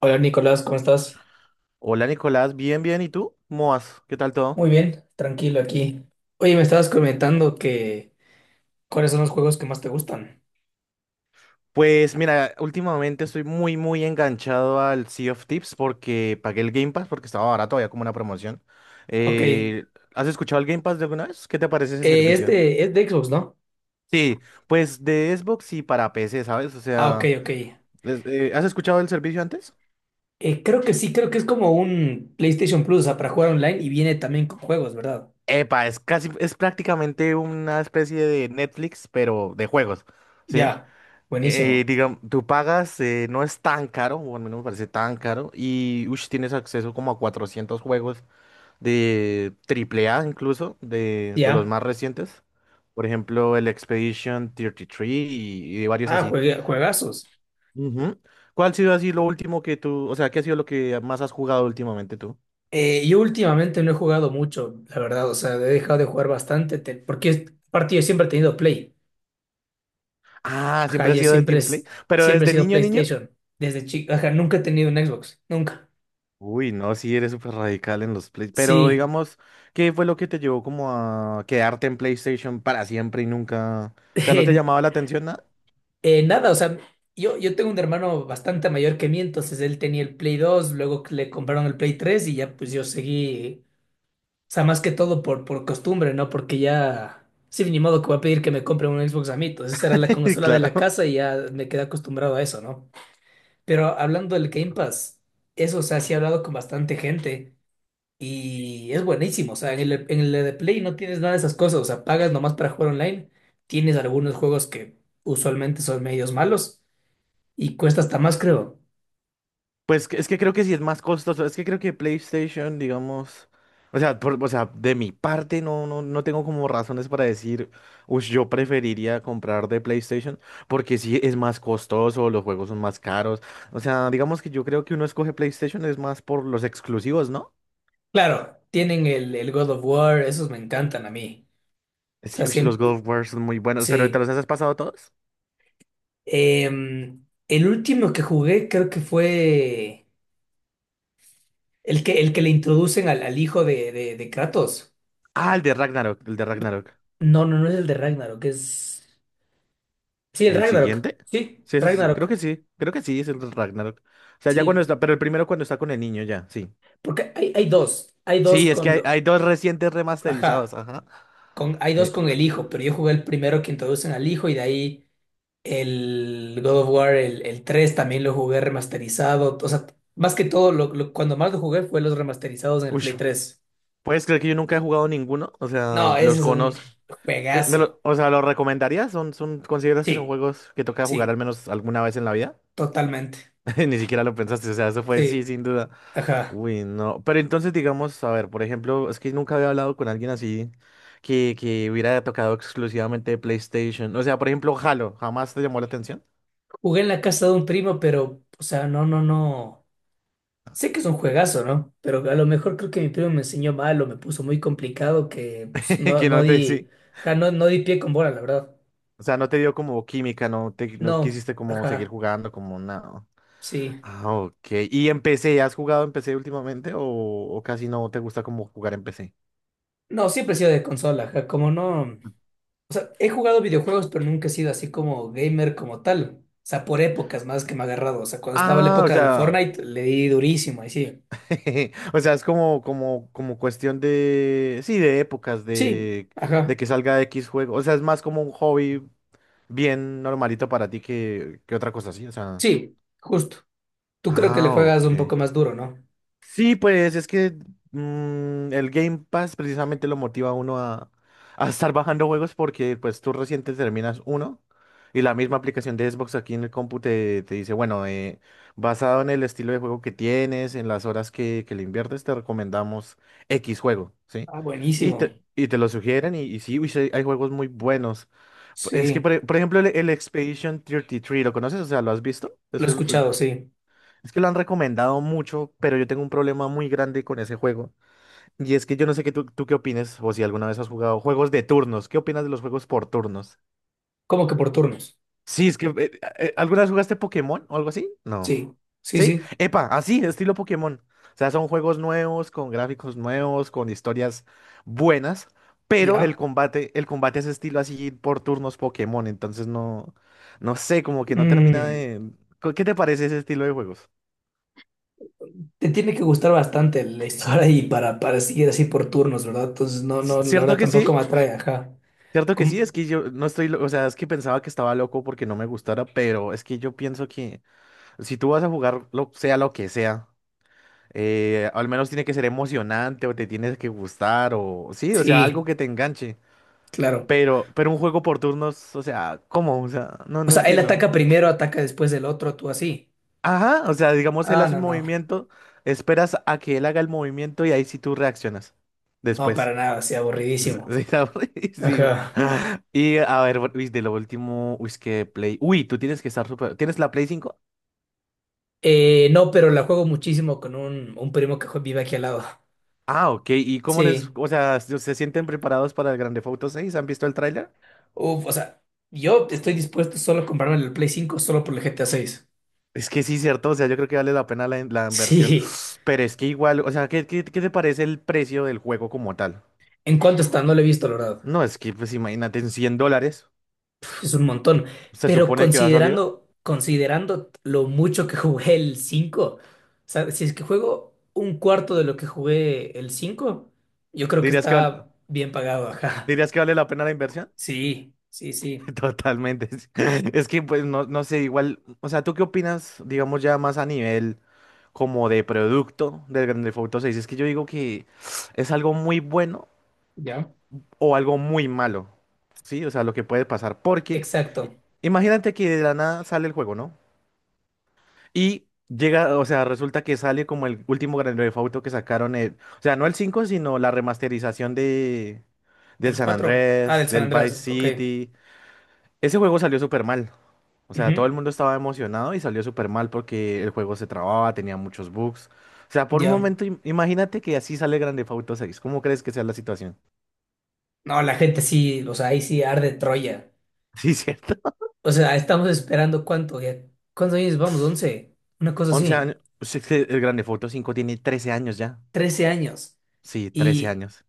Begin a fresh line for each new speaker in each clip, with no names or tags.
Hola Nicolás, ¿cómo estás?
Hola Nicolás, bien, bien. ¿Y tú? ¿Cómo vas? ¿Qué tal todo?
Muy bien, tranquilo aquí. Oye, me estabas comentando que cuáles son los juegos que más te gustan.
Pues mira, últimamente estoy muy enganchado al Sea of Tips porque pagué el Game Pass porque estaba barato, había como una promoción.
Ok, eh,
Eh, ¿Has escuchado el Game Pass de alguna vez? ¿Qué te parece ese servicio?
este es de Xbox, ¿no?
Sí, pues de Xbox y para PC, ¿sabes? O
Ah, ok,
sea,
ok.
¿has escuchado el servicio antes?
Creo que sí, creo que es como un PlayStation Plus, o sea, para jugar online y viene también con juegos, ¿verdad?
Epa, es casi, es prácticamente una especie de Netflix, pero de juegos, ¿sí?
Ya, buenísimo.
Digamos, tú pagas, no es tan caro, o al menos me parece tan caro, y ush, tienes acceso como a 400 juegos de triple A incluso, de los
Ya.
más recientes. Por ejemplo, el Expedition 33 y, tres y varios
Ah,
así.
juegue- juegazos.
Ujú. ¿Cuál ha sido así lo último que tú, o sea, qué ha sido lo que más has jugado últimamente tú?
Yo últimamente no he jugado mucho, la verdad, o sea, he dejado de jugar bastante, te- porque es- aparte yo siempre he tenido Play.
Ah,
Ajá,
siempre has
yo
sido de
siempre,
Team Play,
es-
pero
siempre he
desde
sido
niño, niño.
PlayStation, desde chico. Ajá, nunca he tenido un Xbox, nunca.
Uy, no, sí, eres súper radical en los Play. Pero
Sí,
digamos, ¿qué fue lo que te llevó como a quedarte en PlayStation para siempre y nunca? O sea, ¿no te
eh,
llamaba la atención nada?
nada, o sea, yo tengo un hermano bastante mayor que mí, entonces él tenía el Play 2, luego que le compraron el Play 3 y ya pues yo seguí, o sea, más que todo por costumbre, ¿no? Porque ya, sí, ni modo que voy a pedir que me compren un Xbox a mí, entonces esa era la consola de la
Claro.
casa y ya me quedé acostumbrado a eso, ¿no? Pero hablando del Game Pass, eso, o sea, sí he hablado con bastante gente. Y es buenísimo, o sea, en el de Play no tienes nada de esas cosas, o sea, pagas nomás para jugar online, tienes algunos juegos que usualmente son medios malos y cuesta hasta más, creo.
Es que creo que sí es más costoso. Es que creo que PlayStation, digamos. O sea, o sea, de mi parte no tengo como razones para decir, uy, yo preferiría comprar de PlayStation, porque sí es más costoso, los juegos son más caros. O sea, digamos que yo creo que uno escoge PlayStation es más por los exclusivos, ¿no?
Claro, tienen el God of War, esos me encantan a mí.
Es
O
que
sea,
uy, los
siempre,
God of War son muy buenos, pero ¿te
sí.
los has pasado todos?
El último que jugué creo que fue el que le introducen al hijo de Kratos.
Ah, el de Ragnarok, el de Ragnarok.
No, no, no es el de Ragnarok, es... Sí, el
¿El
Ragnarok,
siguiente?
sí,
Sí, creo que
Ragnarok.
sí, creo que sí, es el de Ragnarok. O sea, ya cuando
Sí.
está, pero el primero cuando está con el niño, ya, sí.
Porque hay dos, hay dos
Sí, es que
con,
hay dos recientes remasterizados,
ajá,
ajá.
con, hay dos
Eh,
con
c-
el hijo, pero yo jugué el primero que introducen al hijo y de ahí el God of War, el 3 también lo jugué remasterizado, o sea, más que todo, cuando más lo jugué fue los remasterizados en el
uy,
Play tres.
¿puedes creer que yo nunca he jugado ninguno? O sea,
No, ese
los
es un
conozco.
juegazo.
O sea, ¿los recomendarías? ¿Son, son, consideras que son
Sí,
juegos que toca jugar al
sí,
menos alguna vez en la vida?
totalmente.
Ni siquiera lo pensaste, o sea, eso fue sí,
Sí,
sin duda.
ajá.
Uy, no. Pero entonces, digamos, a ver, por ejemplo, es que nunca había hablado con alguien así que hubiera tocado exclusivamente PlayStation. O sea, por ejemplo, Halo, ¿jamás te llamó la atención?
Jugué en la casa de un primo, pero, o sea, no, no, no. Sé que es un juegazo, ¿no? Pero a lo mejor creo que mi primo me enseñó mal o me puso muy complicado que pues, no,
Que
no
no te,
di,
sí.
ajá, no, no di pie con bola, la verdad.
O sea, no te dio como química, no te, no
No,
quisiste como seguir
ajá,
jugando, como nada.
sí.
Ah, ok. ¿Y en PC? ¿Has jugado en PC últimamente o casi no te gusta como jugar en PC?
No, siempre he sido de consola, ajá, como no. O sea, he jugado videojuegos, pero nunca he sido así como gamer como tal. O sea, por épocas más que me ha agarrado. O sea, cuando estaba la
Ah, o
época del
sea.
Fortnite, le di durísimo, ahí sí.
O sea, es como cuestión de, sí, de épocas,
Sí, ajá,
de que salga X juego. O sea, es más como un hobby bien normalito para ti que otra cosa así. O sea,
sí, justo. Tú creo que le
ah,
juegas un
ok.
poco más duro, ¿no?
Sí, pues es que el Game Pass precisamente lo motiva a uno a estar bajando juegos porque pues tú recién te terminas uno y la misma aplicación de Xbox aquí en el compu te, te dice, bueno, basado en el estilo de juego que tienes, en las horas que le inviertes, te recomendamos X juego, ¿sí?
Ah, buenísimo.
Y te lo sugieren y sí, uy, sí, hay juegos muy buenos. Es que,
Sí,
por ejemplo, el Expedition 33, ¿lo conoces? O sea, ¿lo has visto?
lo he escuchado, sí.
Es que lo han recomendado mucho, pero yo tengo un problema muy grande con ese juego. Y es que yo no sé qué tú, tú qué opines, o si alguna vez has jugado juegos de turnos. ¿Qué opinas de los juegos por turnos?
Como que por turnos?
Sí, es que ¿alguna vez jugaste Pokémon o algo así? No.
Sí, sí,
¿Sí?
sí,
Epa, así, estilo Pokémon. O sea, son juegos nuevos, con gráficos nuevos, con historias buenas, pero
ya.
el combate es estilo así por turnos Pokémon. Entonces no, no sé, como que no termina
Mm,
de. ¿Qué te parece ese estilo de juegos?
Te tiene que gustar bastante la historia y para seguir así por turnos, ¿verdad? Entonces, no, no, la
¿Cierto
verdad
que sí?
tampoco me atrae, ajá.
Cierto que sí,
¿Cómo?
es que yo no estoy, lo- o sea, es que pensaba que estaba loco porque no me gustara, pero es que yo pienso que si tú vas a jugar, lo, sea lo que sea, al menos tiene que ser emocionante o te tienes que gustar o sí, o sea, algo
Sí,
que te enganche.
claro.
Pero un juego por turnos, o sea, ¿cómo? O sea, no,
O
no
sea, él
entiendo.
ataca primero, ataca después del otro, tú así.
Ajá, o sea, digamos, él
Ah,
hace
no,
un
no.
movimiento, esperas a que él haga el movimiento y ahí sí tú reaccionas
No,
después.
para nada, así
Sí,
aburridísimo.
está aburridísimo.
Ajá.
Y a ver, uy, de lo último, uy, es que Play. Uy, tú tienes que estar super. ¿Tienes la Play cinco?
No, pero la juego muchísimo con un primo que jue- vive aquí al lado.
Ah, ok. ¿Y cómo les,
Sí.
o sea, se sienten preparados para el Grand Theft Auto 6? ¿Han visto el tráiler?
Uf, o sea, yo estoy dispuesto solo a comprarme el Play 5 solo por el GTA 6.
Es que sí, cierto. O sea, yo creo que vale la pena la, la inversión.
Sí.
Pero es que igual, o sea, ¿qué, qué, qué te parece el precio del juego como tal?
¿En cuánto está? No lo he visto, la verdad.
No, es que, pues imagínate, en $100
Uf, es un montón.
se
Pero
supone que va a salir.
considerando, considerando lo mucho que jugué el 5, o sea, si es que juego un cuarto de lo que jugué el 5, yo creo que
¿Dirías que, val-
está bien pagado, ajá.
¿Dirías que vale la pena la inversión?
Sí, sí, sí.
Totalmente. Es que pues no, no sé, igual, o sea, ¿tú qué opinas, digamos ya más a nivel como de producto del Grand Theft Auto seis? Es que yo digo que es algo muy bueno
¿Ya?
o algo muy malo, ¿sí? O sea, lo que puede pasar, porque i-
Exacto.
imagínate que de la nada sale el juego, ¿no? Y llega, o sea, resulta que sale como el último Grand Theft Auto que sacaron, o sea, no el 5 sino la remasterización del
¿Del
San
cuatro? Ah, del
Andrés,
San
del Vice
Andrés. Ok.
City. Ese juego salió súper mal. O sea, todo
Ujú,
el mundo estaba emocionado y salió súper mal porque el juego se trababa, tenía muchos bugs. O sea, por un
ya.
momento, imagínate que así sale Grand Theft Auto 6. ¿Cómo crees que sea la situación?
No, la gente sí, o sea, ahí sí arde Troya.
Sí, cierto.
O sea, estamos esperando cuánto, ya. ¿Cuántos años vamos? Once. Una cosa
11
así.
años. Sí, es que el Grand Theft Auto 5 tiene 13 años ya.
13 años.
Sí, trece
Y
años.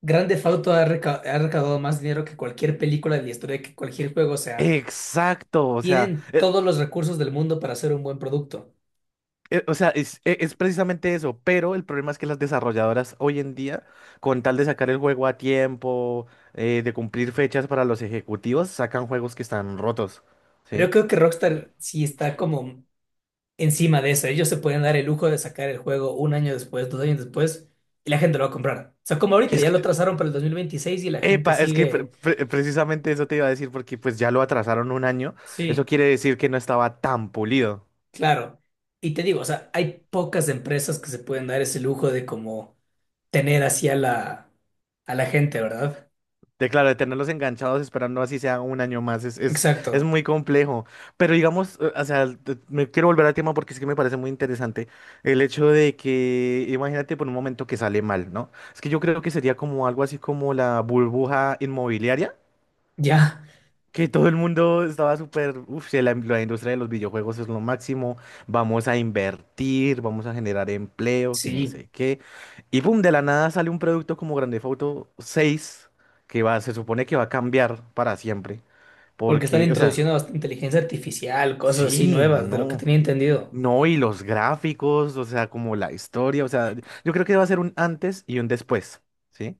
Grand Theft Auto ha, reca- ha recaudado más dinero que cualquier película de la historia, que cualquier juego. O sea,
Exacto.
tienen todos los recursos del mundo para hacer un buen producto.
O sea, es precisamente eso. Pero el problema es que las desarrolladoras hoy en día, con tal de sacar el juego a tiempo, de cumplir fechas para los ejecutivos, sacan juegos que están rotos.
Pero yo
¿Sí?
creo que Rockstar sí está como encima de eso. Ellos se pueden dar el lujo de sacar el juego un año después, dos años después, y la gente lo va a comprar. O sea, como ahorita
Es
ya lo
que
trazaron para el 2026 y la gente
Epa, es que
sigue.
precisamente eso te iba a decir porque pues ya lo atrasaron 1 año. Eso
Sí,
quiere decir que no estaba tan pulido.
claro. Y te digo, o sea, hay pocas empresas que se pueden dar ese lujo de como tener así a la gente, ¿verdad?
De claro, de tenerlos enganchados esperando así sea 1 año más es
Exacto.
muy complejo. Pero digamos, o sea, me quiero volver al tema porque es que me parece muy interesante el hecho de que, imagínate por un momento que sale mal, ¿no? Es que yo creo que sería como algo así como la burbuja inmobiliaria.
Ya.
Que todo el mundo estaba súper, uff, la industria de los videojuegos es lo máximo, vamos a invertir, vamos a generar empleo, que no
Sí,
sé qué. Y pum, de la nada sale un producto como Grand Theft Auto 6, que va, se supone que va a cambiar para siempre,
porque están
porque, o sea,
introduciendo hasta inteligencia artificial, cosas así
sí,
nuevas, de lo que tenía
no, y-
entendido.
no, y los gráficos, o sea, como la historia, o sea, yo creo que va a ser un antes y un después, ¿sí?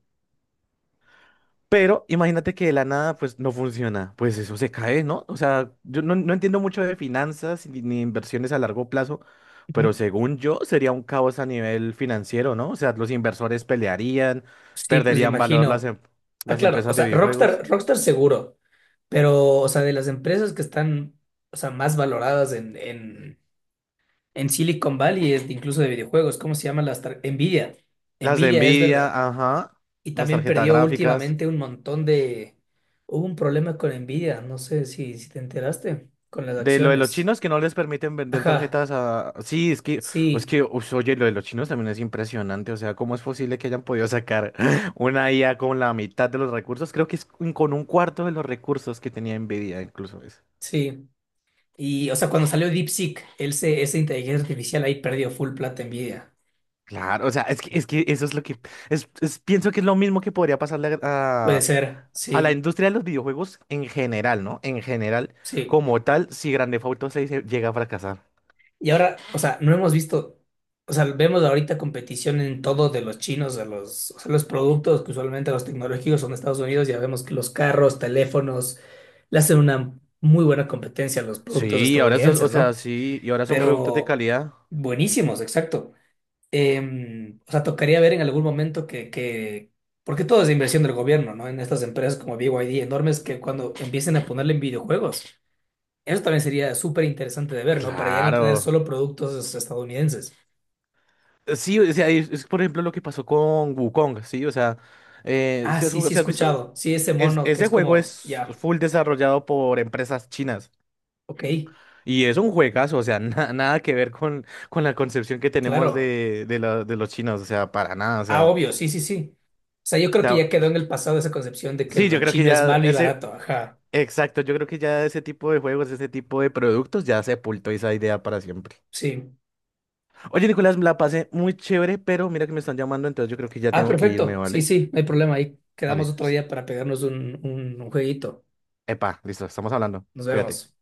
Pero imagínate que de la nada, pues no funciona. Pues eso se cae, ¿no? O sea, yo no, no entiendo mucho de finanzas ni inversiones a largo plazo, pero
Ujú.
según yo sería un caos a nivel financiero, ¿no? O sea, los inversores pelearían,
Sí, pues me
perderían valor las,
imagino. Ah,
las
claro, o
empresas de
sea,
videojuegos,
Rockstar, Rockstar seguro, pero, o sea, de las empresas que están, o sea, más valoradas en Silicon Valley, es de- incluso de videojuegos, ¿cómo se llama? Las tar- Nvidia.
las de
Nvidia es de
Nvidia,
la...
ajá,
Y
las
también
tarjetas
perdió
gráficas.
últimamente un montón de... Hubo un problema con Nvidia, no sé si, si te enteraste, con las
De lo de los
acciones.
chinos que no les permiten vender
Ajá,
tarjetas a... Sí,
sí,
ush, oye, lo de los chinos también es impresionante. O sea, ¿cómo es posible que hayan podido sacar una IA con la mitad de los recursos? Creo que es con un cuarto de los recursos que tenía Nvidia, incluso eso.
sí. Y, o sea, cuando salió DeepSeek, ese se- esa inteligencia artificial ahí perdió full plata envidia.
Claro, o sea, es que eso es lo que... Es, pienso que es lo mismo que podría pasarle
Puede ser,
a la
sí,
industria de los videojuegos en general, ¿no? En general,
sí.
como tal, si Grand Theft Auto seis se llega a fracasar.
Y ahora, o sea, no hemos visto, o sea, vemos ahorita competición en todo de los chinos, de los, o sea, los productos que usualmente los tecnológicos son de Estados Unidos, ya vemos que los carros, teléfonos, le hacen una muy buena competencia a los productos
Sí, y ahora eso, o
estadounidenses,
sea,
¿no?
sí, y ahora son productos de
Pero
calidad.
buenísimos, exacto. O sea, tocaría ver en algún momento que, porque todo es inversión del gobierno, ¿no? En estas empresas como BYD enormes que cuando empiecen a ponerle en videojuegos, eso también sería súper interesante de ver, ¿no? Para ya no tener
Claro.
solo productos estadounidenses.
Sí, o sea, es, por ejemplo lo que pasó con Wukong, ¿sí? O sea,
Ah,
¿sí has,
sí, sí, he
sí has visto?
escuchado. Sí, ese
Es,
mono que
ese
es
juego
como,
es
ya,
full desarrollado por empresas chinas
ok,
y es un juegazo, o sea, nada que ver con la concepción que tenemos
claro.
de, de los chinos, o sea, para nada,
Ah, obvio, sí, sí, sí. O sea, yo creo que ya
sea,
quedó en el pasado esa concepción de que
sí, yo
lo
creo que
chino es
ya
malo y
ese,
barato, ajá,
exacto, yo creo que ya ese tipo de juegos, ese tipo de productos ya sepultó esa idea para siempre.
sí.
Oye, Nicolás, me la pasé muy chévere, pero mira que me están llamando, entonces yo creo que ya
Ah,
tengo que irme,
perfecto, sí,
¿vale?
sí, no hay problema, ahí quedamos
Dale.
otro día para pegarnos un jueguito.
Epa, listo, estamos hablando.
Nos vemos.
Cuídate.